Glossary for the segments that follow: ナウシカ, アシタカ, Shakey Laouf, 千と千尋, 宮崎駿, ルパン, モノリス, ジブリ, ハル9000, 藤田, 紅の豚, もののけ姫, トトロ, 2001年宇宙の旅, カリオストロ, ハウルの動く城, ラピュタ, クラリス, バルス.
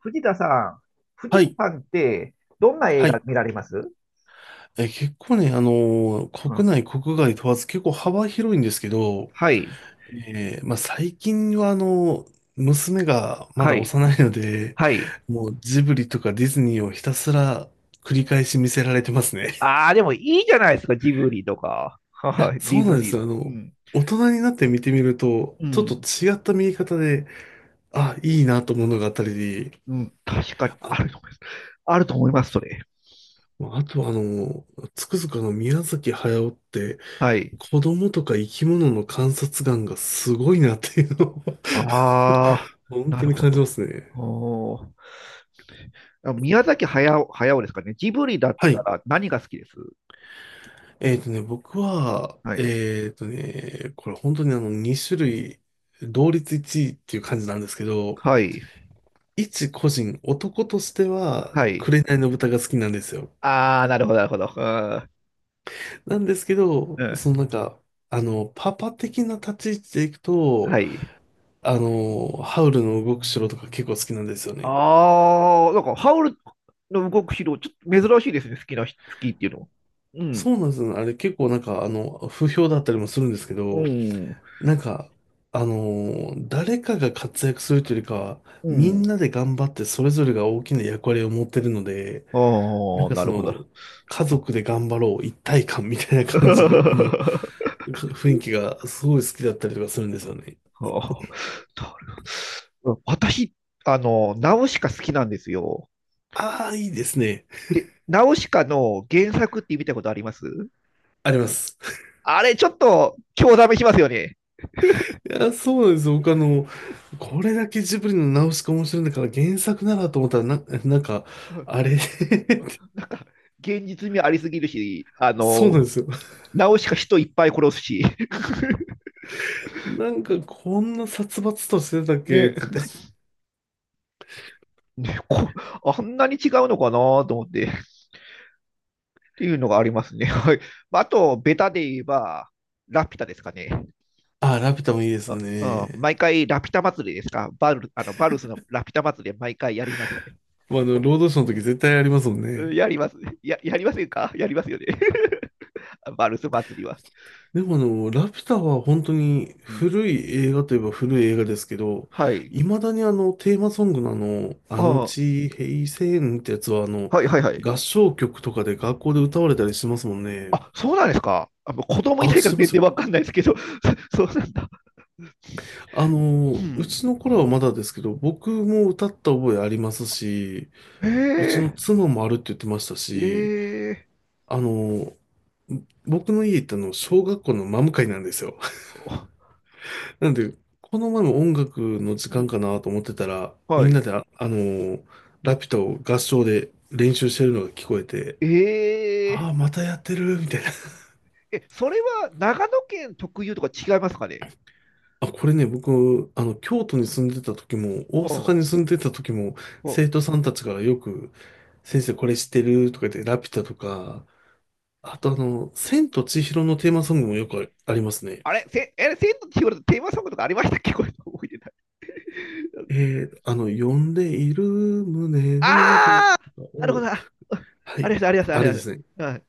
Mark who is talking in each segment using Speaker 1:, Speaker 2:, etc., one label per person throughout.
Speaker 1: 藤田さん、藤
Speaker 2: は
Speaker 1: 田
Speaker 2: い。
Speaker 1: さんって、どんな映
Speaker 2: は
Speaker 1: 画
Speaker 2: い。
Speaker 1: 見られます？
Speaker 2: 結構ね、
Speaker 1: うん。
Speaker 2: 国内、国外問わず結構幅広いんですけど、
Speaker 1: はい、
Speaker 2: まあ、最近は娘がま
Speaker 1: は
Speaker 2: だ
Speaker 1: い、
Speaker 2: 幼いので、
Speaker 1: はい。
Speaker 2: もうジブリとかディズニーをひたすら繰り返し見せられてますね。
Speaker 1: ああ、でもいいじゃないですか、ジブリとか、
Speaker 2: い
Speaker 1: は
Speaker 2: や、
Speaker 1: い、デ
Speaker 2: そう
Speaker 1: ィ
Speaker 2: な
Speaker 1: ズ
Speaker 2: んで
Speaker 1: ニー。
Speaker 2: すよ。
Speaker 1: うん、
Speaker 2: 大人になって見てみると、
Speaker 1: う
Speaker 2: ちょっと
Speaker 1: ん、
Speaker 2: 違った見え方で、あ、いいなと思うのがあったり、
Speaker 1: うん、確かに
Speaker 2: あ、
Speaker 1: あると思います。あると思います、それ。
Speaker 2: あとはつくづく宮崎駿って、
Speaker 1: はい。
Speaker 2: 子供とか生き物の観察眼がすごいなっていうのを
Speaker 1: ああ、
Speaker 2: 本
Speaker 1: な
Speaker 2: 当
Speaker 1: る
Speaker 2: に
Speaker 1: ほ
Speaker 2: 感じ
Speaker 1: ど。
Speaker 2: ますね。
Speaker 1: おー、あ、宮崎駿、駿ですかね。ジブリだっ
Speaker 2: は
Speaker 1: た
Speaker 2: い。
Speaker 1: ら何が好きです？
Speaker 2: 僕は、
Speaker 1: はい。
Speaker 2: これ本当にあの2種類、同率1位っていう感じなんですけど、
Speaker 1: はい。
Speaker 2: 一個人、男としては、
Speaker 1: はい。
Speaker 2: 紅の豚が好きなんですよ。
Speaker 1: ああ、なるほど、なるほど。
Speaker 2: なんですけ
Speaker 1: う
Speaker 2: ど、
Speaker 1: ん。う
Speaker 2: そ
Speaker 1: ん。
Speaker 2: のなんか、パパ的な立ち位置でいくと、
Speaker 1: はい。
Speaker 2: ハウルの動く城とか結構好きなんですよね。
Speaker 1: ああ、なんか、ハウルの動く城、ちょっと珍しいですね、好きっていうのは。う
Speaker 2: そ
Speaker 1: ん、
Speaker 2: うなんですよね。あれ結構なんか、不評だったりもするんですけ
Speaker 1: う
Speaker 2: ど、
Speaker 1: ん、
Speaker 2: なんか、あの誰かが活躍するというよりかは、
Speaker 1: う
Speaker 2: みん
Speaker 1: ん。
Speaker 2: なで頑張ってそれぞれが大きな役割を持ってるので、なん
Speaker 1: ああ、
Speaker 2: か
Speaker 1: な
Speaker 2: そ
Speaker 1: るほど。
Speaker 2: の、家族で頑張ろう、一体感みたいな
Speaker 1: あ
Speaker 2: 感じのか
Speaker 1: ー、
Speaker 2: 雰囲気がすごい好きだったりとかするんですよね。
Speaker 1: なるほど。私、ナウシカ好きなんですよ。
Speaker 2: ああ、いいですね。
Speaker 1: で、ナウシカの原作って見たことあります？
Speaker 2: あります。
Speaker 1: あれ、ちょっと、興ざめしますよね。
Speaker 2: いや、そうなんですよ。僕これだけジブリのナウシカ面白いんだから原作ならと思ったら、なんか、
Speaker 1: うん。
Speaker 2: あれ
Speaker 1: なんか、現実味ありすぎるし、
Speaker 2: そうなんですよ。
Speaker 1: ナウシカ人いっぱい殺すし。
Speaker 2: なんかこんな殺伐としてたっけって言っ
Speaker 1: ね、
Speaker 2: て。
Speaker 1: ね、こ、あんなに違うのかなと思って、っていうのがありますね。はい。まあ、あと、ベタで言えば、ラピュタですかね。
Speaker 2: あ、ラピュタもいいですよ
Speaker 1: あ、うん、
Speaker 2: ね。
Speaker 1: 毎回ラピュタ祭りですか。バルスのラピュタ祭り毎回やりますね。
Speaker 2: まあ、ロードショーの時絶対ありますもん
Speaker 1: うん、
Speaker 2: ね。
Speaker 1: やりますね。やりませんか、やりますよね。バルス祭りは。
Speaker 2: でもラピュタは本当に
Speaker 1: うん。
Speaker 2: 古い映画といえば古い映画ですけど、
Speaker 1: はい。
Speaker 2: 未だにテーマソングのあの
Speaker 1: ああ、
Speaker 2: 地平線ってやつは
Speaker 1: はいはいはい。
Speaker 2: 合唱曲とかで学校で歌われたりしますもんね。
Speaker 1: あ、そうなんですか。あ、もう子供いな
Speaker 2: あ、
Speaker 1: いか
Speaker 2: し
Speaker 1: ら
Speaker 2: てま
Speaker 1: 全
Speaker 2: す
Speaker 1: 然
Speaker 2: よ。
Speaker 1: わかんないですけど、そうなんだ。う
Speaker 2: うち
Speaker 1: ん。
Speaker 2: の頃はまだですけど、僕も歌った覚えありますし、
Speaker 1: へ
Speaker 2: うち
Speaker 1: え、
Speaker 2: の妻もあるって言ってました
Speaker 1: え
Speaker 2: し、
Speaker 1: え、
Speaker 2: あの、僕の家行っての、小学校のマム会なんですよ。
Speaker 1: ほ
Speaker 2: なんで、この前も音楽の時
Speaker 1: う、
Speaker 2: 間
Speaker 1: ん。
Speaker 2: かなと思ってたら、
Speaker 1: は
Speaker 2: みんな
Speaker 1: い。
Speaker 2: でラピュタを合唱で練習してるのが聞こえて、
Speaker 1: え、え
Speaker 2: ああ、またやってる、みたいな。
Speaker 1: え、それは長野県特有とか違いますかね？
Speaker 2: あ、これね、僕、京都に住んでた時も、大
Speaker 1: ほ
Speaker 2: 阪
Speaker 1: う、
Speaker 2: に住んでた時も、
Speaker 1: ほう。
Speaker 2: 生徒さんたちからよく、先生これ知ってるとか言って、ラピュタとか、あと千と千尋のテーマソングもよくありますね。
Speaker 1: あれ、せ、え、千と千尋のテーマソングとかありましたっけ？ これ覚えてない。
Speaker 2: え呼んでいる胸の動
Speaker 1: ああ、
Speaker 2: 画
Speaker 1: なるほ
Speaker 2: を、
Speaker 1: ど。あ、うん、
Speaker 2: は
Speaker 1: あり
Speaker 2: い、
Speaker 1: ました、ありました、あ
Speaker 2: あ
Speaker 1: り
Speaker 2: れ
Speaker 1: ま
Speaker 2: で
Speaker 1: し
Speaker 2: すね。
Speaker 1: た。はい。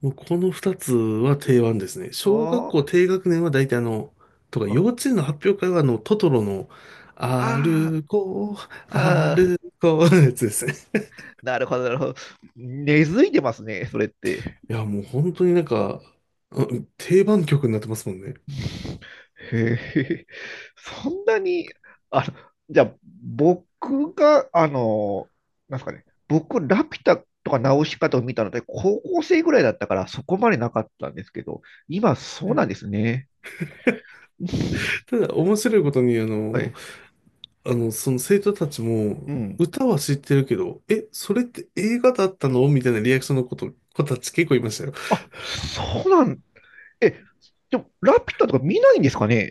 Speaker 2: もうこの二つは定番ですね。小学
Speaker 1: おー、
Speaker 2: 校低学年は大体とか、
Speaker 1: ほ、
Speaker 2: 幼稚園の発表会はトトロの、
Speaker 1: あ
Speaker 2: 歩こ
Speaker 1: あ、
Speaker 2: う、
Speaker 1: はあ、
Speaker 2: 歩こうのやつですね。
Speaker 1: なるほど、なるほど。根付いてますね、それって。
Speaker 2: いや、もう本当になんか、うん定番曲になってますもんね。
Speaker 1: へえ、そんなに、あの、じゃあ、僕が、なんですかね、僕、ラピュタとかナウシカとか見たので、高校生ぐらいだったから、そこまでなかったんですけど、今、そうなんですね。うん。
Speaker 2: ただ、面白いことに、
Speaker 1: はい。
Speaker 2: その生徒たち
Speaker 1: う
Speaker 2: も、
Speaker 1: ん。
Speaker 2: 歌は知ってるけど、え、それって映画だったのみたいなリアクションのこと、子たち結構いましたよ。
Speaker 1: あ、そうなん、え、でも、ラピュタとか見ないんですかね？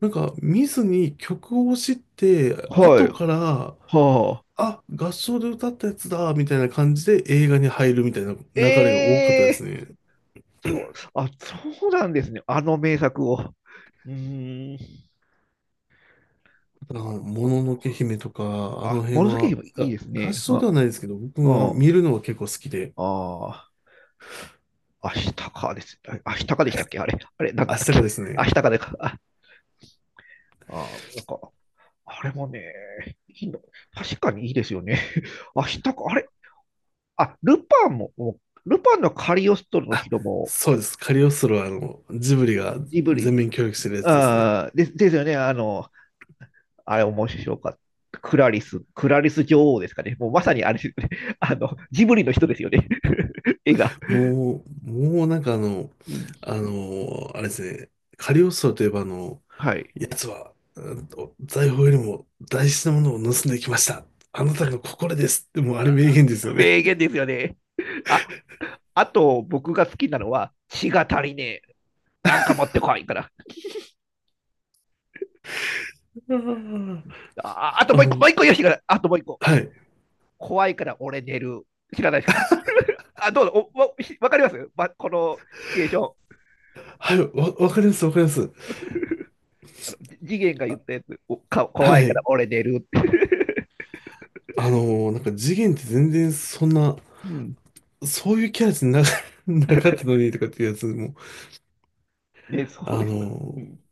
Speaker 2: なんか、見ずに曲を知って、
Speaker 1: はい。
Speaker 2: 後から、
Speaker 1: はあ。
Speaker 2: あ、合唱で歌ったやつだ、みたいな感じで映画に入るみたいな流れが
Speaker 1: え、
Speaker 2: 多かったです
Speaker 1: え、
Speaker 2: ね。
Speaker 1: そう、あ、そうなんですね。あの名作を。うーん、なるほ
Speaker 2: もの
Speaker 1: ど。
Speaker 2: のけ姫とか、あの
Speaker 1: あ、
Speaker 2: 辺
Speaker 1: 紫
Speaker 2: は、
Speaker 1: 姫いいです
Speaker 2: が合
Speaker 1: ね。
Speaker 2: 唱
Speaker 1: あ、
Speaker 2: ではないですけど、僕
Speaker 1: う
Speaker 2: は見
Speaker 1: ん。
Speaker 2: るのが結構好きで、
Speaker 1: ああ、アシタカです。あ、アシタカでしたっけ、あれ、あれ、なんだ
Speaker 2: 明
Speaker 1: ったっ
Speaker 2: 日
Speaker 1: け？
Speaker 2: がです
Speaker 1: ア
Speaker 2: ね、
Speaker 1: シタカでか。あ、あー、なんか、あれもね、いいの。確かにいいですよね。アシタカ、あれ、あ、ルパンも、もうルパンのカリオストロの人も、
Speaker 2: そうです、カリオストロはジブリが
Speaker 1: ジブリ
Speaker 2: 全
Speaker 1: で、
Speaker 2: 面協力してるやつですね。
Speaker 1: ああ、ですよね。あれ面白かった。クラリス、クラリス女王ですかね。もうまさにあれですよね。ジブリの人ですよね。絵が。
Speaker 2: もうなんか
Speaker 1: うん。
Speaker 2: あれですね、カリオストロといえば
Speaker 1: はい。
Speaker 2: 奴は、うんと財宝よりも大事なものを盗んできました。あなたの心ですって、もうあれ名言ですよね。
Speaker 1: 名言ですよね。あ、あと僕が好きなのは、血が足りねえ。なんか持ってこいから。
Speaker 2: あー
Speaker 1: あ、あと
Speaker 2: あ
Speaker 1: もう一個、
Speaker 2: の、
Speaker 1: もう一個よしが、あともう一個。
Speaker 2: はい、
Speaker 1: 怖いから俺寝る。知らないですか？あ、どうぞ。わかります、ま、このシチュエーション。
Speaker 2: はい、わかります、わかります。
Speaker 1: あの次元が言ったやつ。怖
Speaker 2: は
Speaker 1: いか
Speaker 2: い。
Speaker 1: ら俺寝るって。
Speaker 2: なんか次元って全然そんな、
Speaker 1: うん。
Speaker 2: そういうキャラじゃな、なかったのにとかっていうやつも、
Speaker 1: ね、そう
Speaker 2: あ
Speaker 1: ですよ。う
Speaker 2: の、
Speaker 1: ん。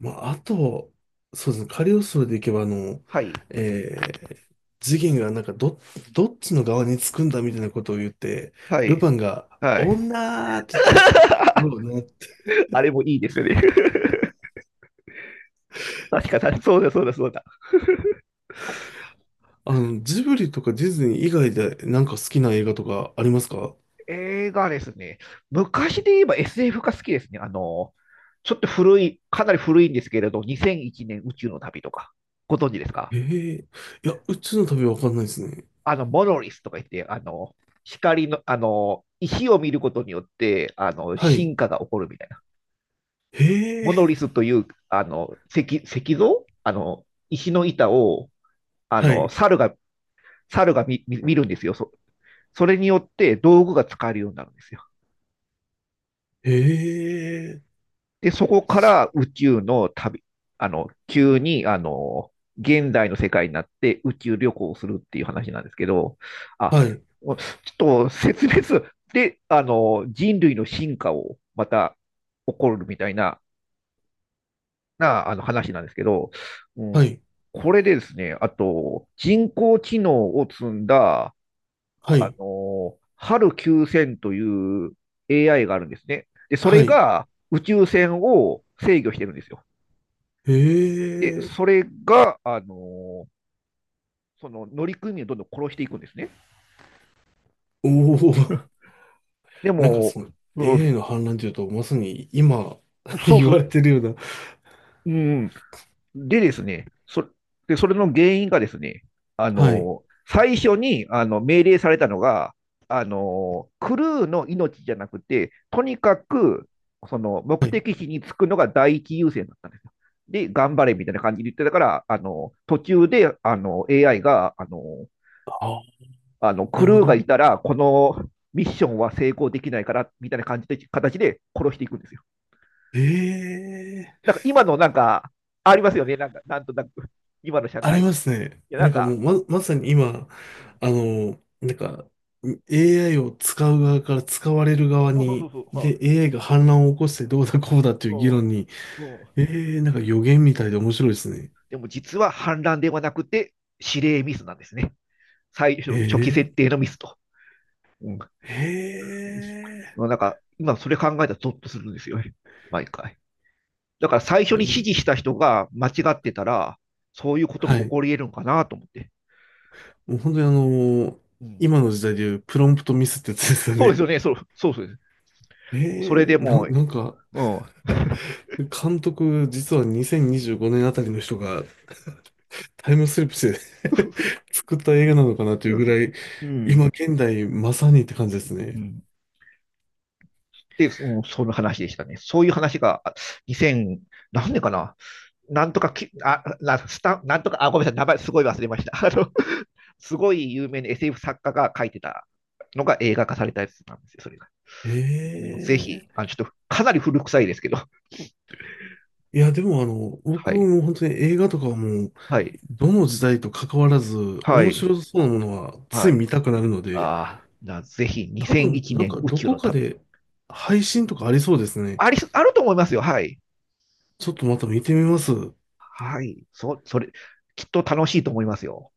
Speaker 2: まあ、あと、そうですね、カリオストロでいけば、
Speaker 1: はい。
Speaker 2: えー、次元がなんかどっちの側につくんだみたいなことを言って、
Speaker 1: は
Speaker 2: ル
Speaker 1: い。
Speaker 2: パンが、
Speaker 1: はい。
Speaker 2: 女ーって言って、どうなって、
Speaker 1: あれもいいですよね。確かに、そうだ、そうだ、そうだ。
Speaker 2: ジブリとかディズニー以外でなんか好きな映画とかありますか？
Speaker 1: 映画ですね。昔で言えば SF が好きですね。ちょっと古い、かなり古いんですけれど、2001年宇宙の旅とか、ご存知ですか？
Speaker 2: へえ、いや、宇宙の旅はわかんないですね。
Speaker 1: モノリスとか言って、光の、石を見ることによって、
Speaker 2: はい。
Speaker 1: 進化が起こるみたいな。
Speaker 2: へ
Speaker 1: モ
Speaker 2: え、
Speaker 1: ノリスという、石像、石の板を、
Speaker 2: はい。
Speaker 1: 猿が、猿が見るんですよ。それによって道具が使えるようになるんですよ。
Speaker 2: へえ、
Speaker 1: で、そこから宇宙の旅、あの、急に、あの、現代の世界になって宇宙旅行をするっていう話なんですけど、あ、
Speaker 2: はい。
Speaker 1: ちょっと説明する。で、人類の進化をまた起こるみたいな、話なんですけど、う
Speaker 2: は
Speaker 1: ん、
Speaker 2: い。
Speaker 1: これでですね、あと、人工知能を積んだ、
Speaker 2: はい。
Speaker 1: ハル9000という AI があるんですね。で、そ
Speaker 2: は
Speaker 1: れ
Speaker 2: い。
Speaker 1: が宇宙船を制御してるんですよ。
Speaker 2: へ
Speaker 1: で、
Speaker 2: え、
Speaker 1: それが、ーその乗組員をどんどん殺していくんですね。
Speaker 2: おお。
Speaker 1: で
Speaker 2: なんかそ
Speaker 1: も、
Speaker 2: の
Speaker 1: う
Speaker 2: AI
Speaker 1: ん、
Speaker 2: の反乱というと、まさに今
Speaker 1: そう
Speaker 2: 言
Speaker 1: そ
Speaker 2: われ
Speaker 1: う、
Speaker 2: てるような。
Speaker 1: うん。でですね、それの原因がですね、
Speaker 2: はい。
Speaker 1: 最初にあの命令されたのが、クルーの命じゃなくて、とにかくその目
Speaker 2: はい。
Speaker 1: 的地に着くのが第一優先だったんですよ。で、頑張れみたいな感じで言ってたから、途中であの AI が
Speaker 2: ああ、な
Speaker 1: ク
Speaker 2: るほ
Speaker 1: ルーが
Speaker 2: ど。
Speaker 1: いたら、このミッションは成功できないから、みたいな感じで、形で殺していくんですよ。
Speaker 2: え
Speaker 1: なん
Speaker 2: え、
Speaker 1: か今のなんか、ありますよね。なんか、なんとなく、今の社
Speaker 2: あ
Speaker 1: 会。
Speaker 2: り
Speaker 1: い
Speaker 2: ますね。
Speaker 1: や、
Speaker 2: な
Speaker 1: な
Speaker 2: ん
Speaker 1: ん
Speaker 2: かもう
Speaker 1: か、
Speaker 2: ま、まさに今、なんか AI を使う側から使われる側
Speaker 1: そうそうそう
Speaker 2: に、
Speaker 1: そう、はい。
Speaker 2: で、AI が反乱を起こしてどうだこうだっていう議
Speaker 1: そ
Speaker 2: 論
Speaker 1: う
Speaker 2: に、
Speaker 1: そう。
Speaker 2: ええ、なんか予言みたいで面白いですね。
Speaker 1: でも実は反乱ではなくて、指令ミスなんですね。最初の初期設
Speaker 2: ええ。
Speaker 1: 定のミスと。うん。
Speaker 2: え
Speaker 1: なんか、今それ考えたらゾッとするんですよね。毎回。だから最初
Speaker 2: え。
Speaker 1: に
Speaker 2: う
Speaker 1: 指
Speaker 2: ん。
Speaker 1: 示した人が間違ってたら、そういうことも
Speaker 2: は
Speaker 1: 起
Speaker 2: い。
Speaker 1: こり得るのかなと思って。
Speaker 2: もう本当に
Speaker 1: うん。
Speaker 2: 今の時代でいうプロンプトミスってやつですよ
Speaker 1: そうです
Speaker 2: ね。
Speaker 1: よね、そう、そうそうです。それでもう、
Speaker 2: なんか、
Speaker 1: うん。
Speaker 2: 監督、実は2025年あたりの人がタイムスリップして 作った映画なのかなというぐらい、
Speaker 1: う
Speaker 2: 今
Speaker 1: ん。
Speaker 2: 現代まさにって感じです
Speaker 1: う
Speaker 2: ね。
Speaker 1: ん。で、うん、その話でしたね。そういう話が、2000、何年かな、なんとかき、あ、な、スタなんとか、あ、ごめんなさい、名前すごい忘れました。すごい有名な SF 作家が書いてたのが映画化されたやつなんですよ、それが。もう
Speaker 2: え
Speaker 1: ぜひ、あの、ちょっと、かなり古臭いですけど、
Speaker 2: え、いや、でも
Speaker 1: は
Speaker 2: 僕
Speaker 1: い、
Speaker 2: も本当に映画とかはもう、
Speaker 1: はい、
Speaker 2: どの時代と関わらず、
Speaker 1: は
Speaker 2: 面
Speaker 1: い、
Speaker 2: 白そうなものはつ
Speaker 1: は
Speaker 2: い見
Speaker 1: い。
Speaker 2: たくなるので、
Speaker 1: ああ、ぜひ
Speaker 2: 多
Speaker 1: 2001
Speaker 2: 分、なん
Speaker 1: 年
Speaker 2: か
Speaker 1: 宇
Speaker 2: ど
Speaker 1: 宙
Speaker 2: こ
Speaker 1: の
Speaker 2: か
Speaker 1: 旅。
Speaker 2: で配信とかありそうですね。
Speaker 1: あり、あると思いますよ、はい。
Speaker 2: ちょっとまた見てみます。
Speaker 1: はい。それ、きっと楽しいと思いますよ。